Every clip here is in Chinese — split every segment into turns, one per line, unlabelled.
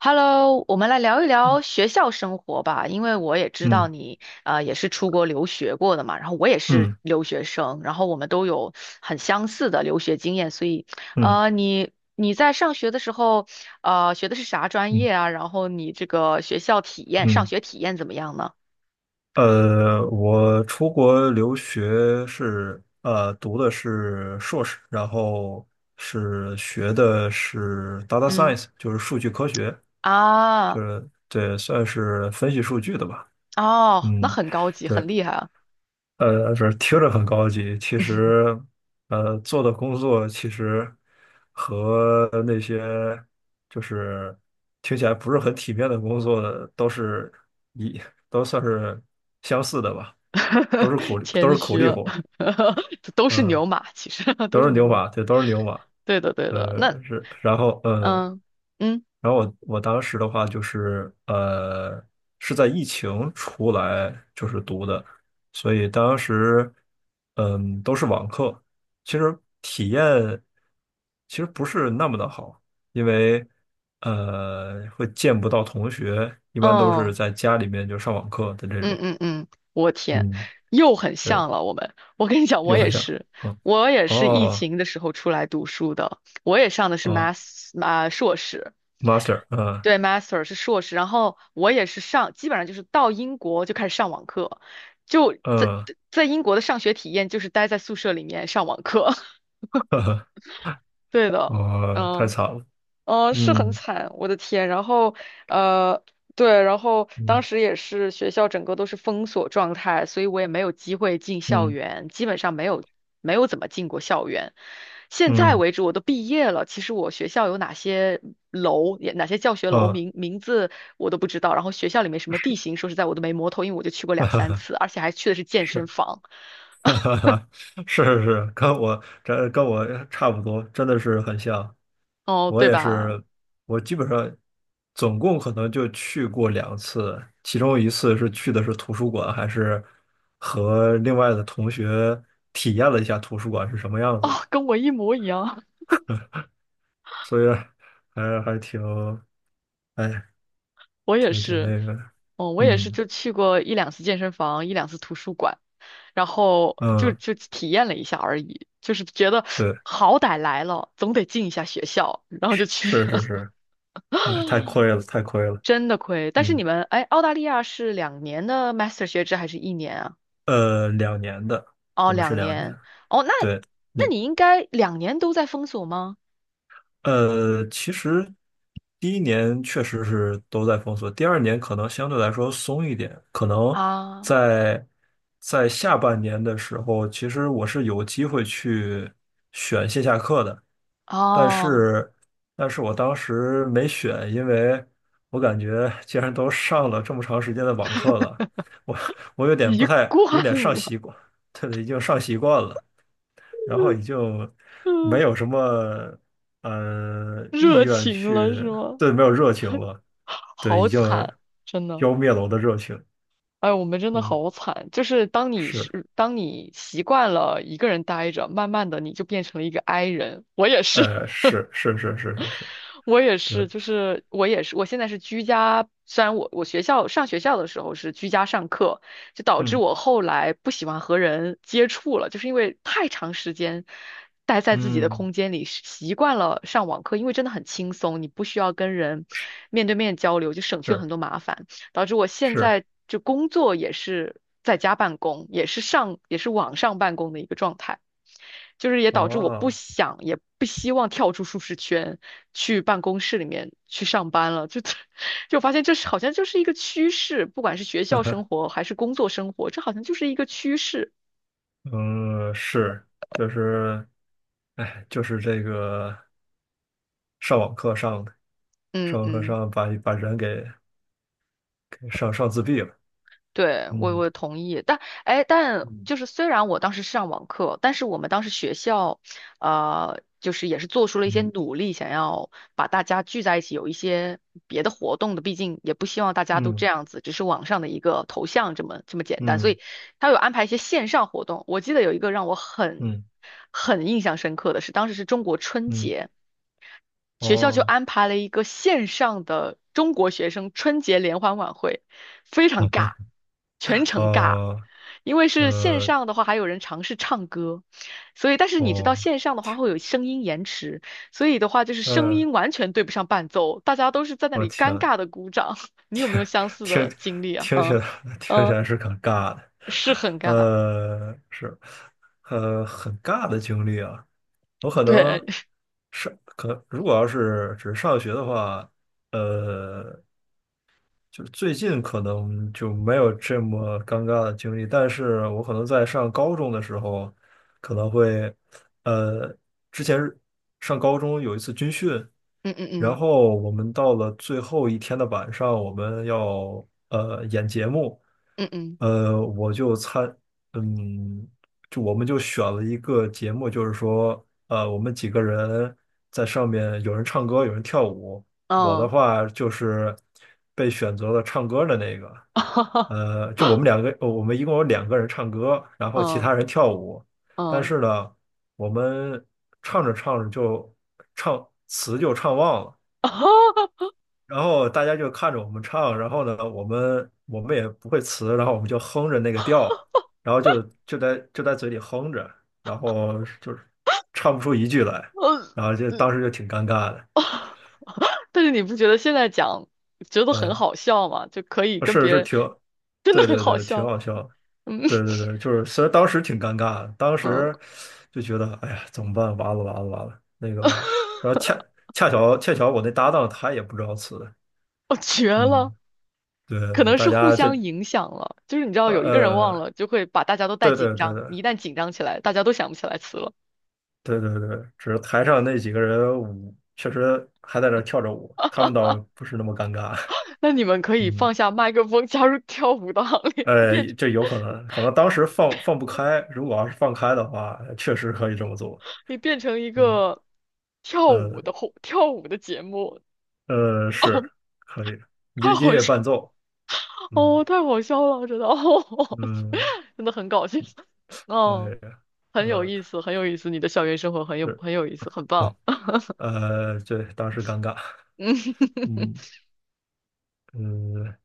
Hello，我们来聊一聊学校生活吧，因为我也知道
嗯
你也是出国留学过的嘛，然后我也是
嗯
留学生，然后我们都有很相似的留学经验，所以
嗯
你在上学的时候学的是啥专
嗯
业啊？然后你这个学校体验，上
嗯，
学体验怎么样呢？
我出国留学是读的是硕士，然后是学的是 data
嗯
science，就是数据科学，
啊
就是对，算是分析数据的吧。
哦，那
嗯，
很高级，
对。
很厉害啊，
不是听着很高级，其实，做的工作其实和那些就是听起来不是很体面的工作的都是一都算是相似的吧，都
谦
是苦
虚
力
了，
活，
都是
呃，
牛马，其实 都
都是
是牛
牛
马，
马，对，都是牛马，
对的对的，那
是。
嗯。嗯
然后我当时的话就是是在疫情出来就是读的，所以当时都是网课，其实体验其实不是那么的好，因为会见不到同学，一般都是
嗯
在家里面就上网课的这
嗯
种。
嗯嗯，我天，
嗯，
又很
对，
像了。我们，我跟你讲，我
又
也
一下
是，
哦
我也是疫
哦
情的时候出来读书的，我也上的是
哦
硕士，
，master，嗯
对，master 是硕士，然后我也是上，基本上就是到英国就开始上网课，就在
嗯，
在英国的上学体验就是待在宿舍里面上网课，
呵呵，
对的，
哦，太
嗯。
惨了，
嗯，是很
嗯
惨，我的天。然后，呃，对，然后当
嗯。
时也是学校整个都是封锁状态，所以我也没有机会进校
嗯
园，基本上没有怎么进过校园。现在
嗯
为止，我都毕业了，其实我学校有哪些楼，也哪些教学楼
呃
名字我都不知道。然后学校里面什么地
是，
形，说实在我都没摸透，因为我就去过
哈
两
哈
三
哈，
次，而且还去的是健身
是，
房，
哈哈哈，是是是，跟我差不多，真的是很像。
哦，
我
对
也
吧？
是，我基本上总共可能就去过2次，其中一次是去的是图书馆，还是和另外的同学体验了一下图书馆是什么样
哦，
子的，
跟我一模一样。
所以还挺，哎，
我也
挺
是，
那个的，
哦，我也是
嗯
就去过一两次健身房，一两次图书馆，然后就
嗯，
就体验了一下而已，就是觉得
对，
好歹来了，总得进一下学校，然后就去
是
了，
是 是，哎，太亏了，太亏了，
真的亏。但是
嗯。
你们，哎，澳大利亚是两年的 master 学制还是1年啊？
两年的，
哦，
我们是
两
两
年。
年。
哦，那
对
那
你。
你应该两年都在封锁吗？
其实第一年确实是都在封锁，第二年可能相对来说松一点，可能
啊，
在在下半年的时候，其实我是有机会去选线下课的，但
哦，
是但是我当时没选，因为我感觉既然都上了这么长时间的网课了，我我有 点不
一
太，有
贯
点上
了，
习惯。对，已经上习惯了。然后你就 没
嗯，
有什么意
热
愿
情了是
去。
吗？
对，没有热情 了。对，
好
已经
惨，真的。
浇灭了我的热情。
哎，我们真的
嗯，
好惨。就是
是，
当你习惯了一个人待着，慢慢的你就变成了一个 i 人。我也是，
是是是是是是，
我也
对，
是，就是我也是，我现在是居家，虽然我上学校的时候是居家上课，就导致
嗯
我后来不喜欢和人接触了，就是因为太长时间待在自己的
嗯，
空间里，习惯了上网课，因为真的很轻松，你不需要跟人
是
面对面交流，就省去了
是
很多麻烦，导致我现
是，
在就工作也是在家办公，也是网上办公的一个状态。就是也导致我不
哦，
想也不希望跳出舒适圈，去办公室里面去上班了。就 就发现这是好像就是一个趋势，不管是学校生 活还是工作生活，这好像就是一个趋势。
嗯，是，就是，哎，就是这个上网课上的，
嗯
上网课
嗯。
上把人给上自闭了。
对，我
嗯
我同意，但哎，但
嗯
就是虽然我当时是上网课，但是我们当时学校，就是也是做出了一些
嗯
努力，想要把大家聚在一起，有一些别的活动的，毕竟也不希望大家都
嗯
这样子，只是网上的一个头像这么简单，所
嗯。
以他有安排一些线上活动。我记得有一个让我很
嗯
很印象深刻的是，当时是中国春
嗯，
节。学校就
哦，
安排了一个线上的中国学生春节联欢晚会，非常
好
尬，
吧，
全程尬。
哦，
因为是线
呃，
上的话，还有人尝试唱歌，所以但是你知道
哦，
线上的话会有声音延迟，所以的话就是声
嗯，
音完全对不上伴奏，大家都是在那
我
里
天，
尴尬的鼓掌。你有没有相似
听
的经历啊？
听起
嗯
来 听起
嗯，
来是很尬的，
是很尬，
是，很尬的经历啊。我可能
对，
上可如果要是只是上学的话，呃，就是最近可能就没有这么尴尬的经历，但是我可能在上高中的时候，可能会，呃，之前是上高中有一次军训，
嗯嗯
然
嗯
后我们到了最后一天的晚上，我们要演节目，
嗯嗯
我就参，嗯，就我们就选了一个节目，就是说，我们几个人在上面，有人唱歌，有人跳舞。我的
嗯，
话就是被选择了唱歌的那个，就我们两个，我们一共有两个人唱歌，然后其
嗯嗯
他人跳舞。但
嗯，
是呢，我们唱着唱着就唱词就唱忘了，然后大家就看着我们唱，然后呢，我们也不会词，然后我们就哼着那个调，然后就在嘴里哼着，然后就是唱不出一句来，
嗯，
然后就当时
嗯
就挺尴尬的。
但是你不觉得现在讲觉得很
呃。
好笑吗？就可以跟
是
别
是
人
挺，
真的
对
很
对
好
对，挺
笑，
好笑的，
嗯
对对对，就是虽然当时挺尴尬的，当
嗯，
时就觉得哎呀怎么办？完了完了完了，那个，然后恰巧我那搭档他也不知道词的，
我绝了，
嗯，对，
可
就
能
大
是互
家这
相影响了，就是你知道
呃
有一个人忘
呃，
了，就会把大家都带
对
紧
对对
张，你一旦紧张起来，大家都想不起来词了。
对对对对，只是台上那几个人舞确实还在那儿跳着舞，他们倒不是那么尴尬，
那你们可 以
嗯。
放下麦克风，加入跳舞的行列，
这有可能，可能当时放不开，如果要是放开的话，确实可以这么做。
你变成一
嗯。
个跳
呃
舞的后跳舞的节目，
是可以，音
太
音
好
乐伴
笑
奏，嗯
哦，太好笑了，我觉得哦，
嗯，
真的很搞笑，
哎
哦，
呀，
很有
呃
意思，很有意思，你的校园生活
是，
很有意思，很
哎，
棒。
对当时尴尬，
嗯，
嗯嗯，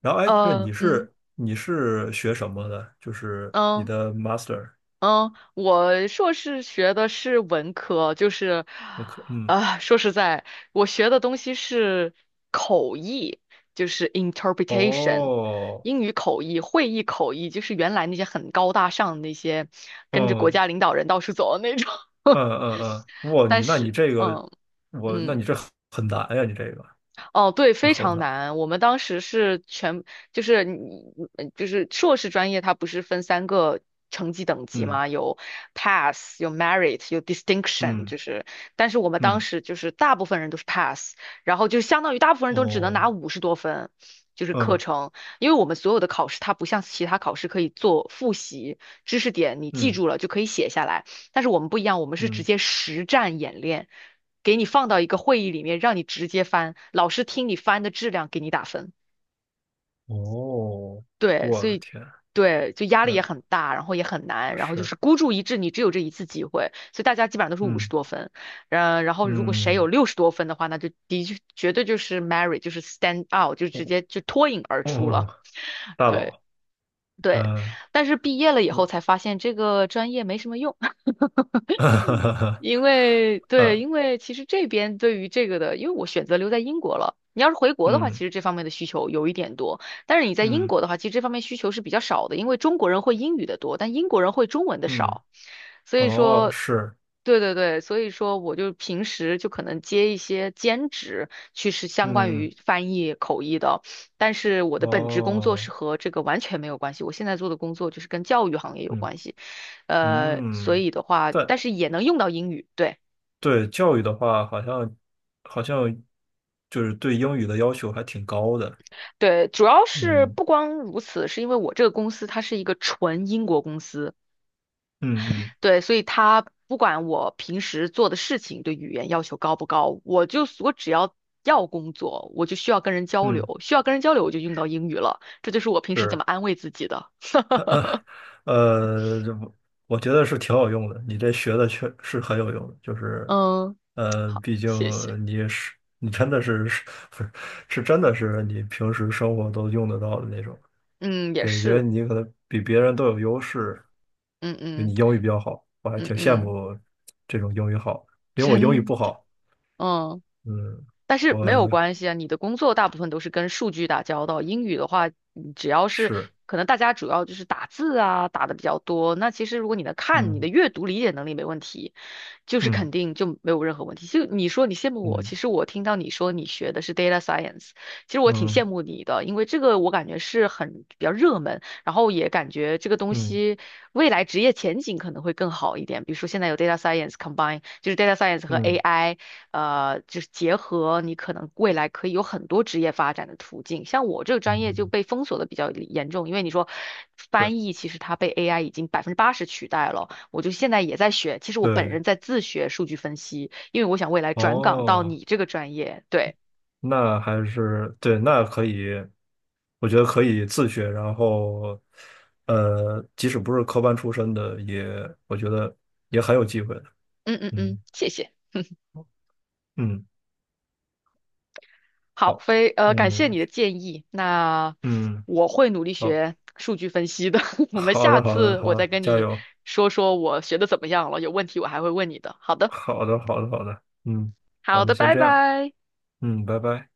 然后哎，这
嗯
你是学什么的？就是你
嗯
的 master
嗯，我硕士学的是文科，就是，
的课，嗯，
啊、说实在，我学的东西是口译，就是 interpretation，
哦，
英语口译、会议口译，就是原来那些很高大上的那些，跟着国
嗯
家领导人到处走的那种。
嗯 嗯嗯，哇，
但是，
你这个，
嗯嗯，
你这很难呀，你这个，
哦，对，
这
非
好
常
难，
难。我们当时是全，就是你，就是硕士专业，它不是分三个成绩等级
嗯
吗？有 pass，有 merit，有 distinction，
嗯
就是，但是我们当
嗯，
时就是大部分人都是 pass，然后就相当于大部分人都只能
哦，
拿五十多分。就是课
嗯
程，因为我们所有的考试，它不像其他考试可以做复习，知识点你记
嗯
住了就可以写下来。但是我们不一样，我们是直
嗯。
接实战演练，给你放到一个会议里面，让你直接翻，老师听你翻的质量给你打分。
哦，
对，
我
所
的
以
天，
对，就压力也
嗯，
很大，然后也很难，然后就是
是，
孤注一掷，你只有这一次机会，所以大家基本上都是五十
嗯
多分，嗯，然后如果谁有
嗯，
60多分的话，那就的确绝对就是 Mary，就是 stand out，就直
哦
接就脱颖而出了。
哦，大
对
佬，
对，
嗯，
但是毕业了以
呃，
后才发现这个专业没什么用。因为对，
呃，
因为其实这边对于这个的，因为我选择留在英国了。你要是回国的话，其
嗯
实这方面的需求有一点多，但是你在英
嗯
国的话，其实这方面需求是比较少的，因为中国人会英语的多，但英国人会中文的
嗯，
少，所以
哦，
说，
是，
对对对，所以说我就平时就可能接一些兼职，去是相关
嗯，
于翻译口译的，但是我的本职工作
哦，
是和这个完全没有关系，我现在做的工作就是跟教育行业有
嗯
关系。所
嗯，
以的话，
但
但是也能用到英语，对
对教育的话，好像就是对英语的要求还挺高的，
对，主要是
嗯
不光如此，是因为我这个公司它是一个纯英国公司，
嗯嗯
对，所以它不管我平时做的事情对语言要求高不高，我只要工作，我就需要跟人交
嗯，
流，需要跟人交流我就用到英语了，这就是我平时怎么
是。
安慰自己的。
这不我觉得是挺有用的，你这学的确是很有用的，就是，
嗯，好，
毕竟
谢谢。
你也是你真的是 是真的是你平时生活都用得到的那种，
嗯，也
对，因为
是，
你可能比别人都有优势，
嗯
就
嗯
你英语比较好，我还
嗯
挺羡
嗯，
慕这种英语好，因为我英语
真
不
的，
好，
嗯。
嗯，
但是
我
没有关系啊，你的工作大部分都是跟数据打交道。英语的话，你只要是
是，
可能大家主要就是打字啊，打的比较多。那其实如果你能看，你
嗯
的阅读理解能力没问题，就是
嗯
肯定就没有任何问题。就你说你羡慕我，
嗯
其实我听到你说你学的是 data science，其实我挺羡
嗯
慕你的，因为这个我感觉是很比较热门，然后也感觉这个东
嗯
西未来职业前景可能会更好一点。比如说现在有 data science combine，就是 data science 和
嗯
AI。就是结合你可能未来可以有很多职业发展的途径。像我这个专业就
嗯，
被封锁的比较严重，因为你说
是，
翻译其实它被 AI 已经80%取代了。我就现在也在学，其实我本
对，
人在自学数据分析，因为我想未来转岗到
哦。
你这个专业。对，
那还是对，那可以，我觉得可以自学，然后，即使不是科班出身的，也我觉得也很有机会的。
嗯嗯嗯，
嗯
谢谢。
嗯，
好，
好，
非呃，感
嗯，
谢
我
你的
去，
建议。那
嗯，
我会努力
好，
学数据分析的。我们
好
下
的，好的，
次
好
我再
的，
跟
加
你
油，
说说我学的怎么样了，有问题我还会问你的。好的。
好的，好的，好的，嗯，好
好
那
的，
先
拜
这样，
拜。
嗯，拜拜。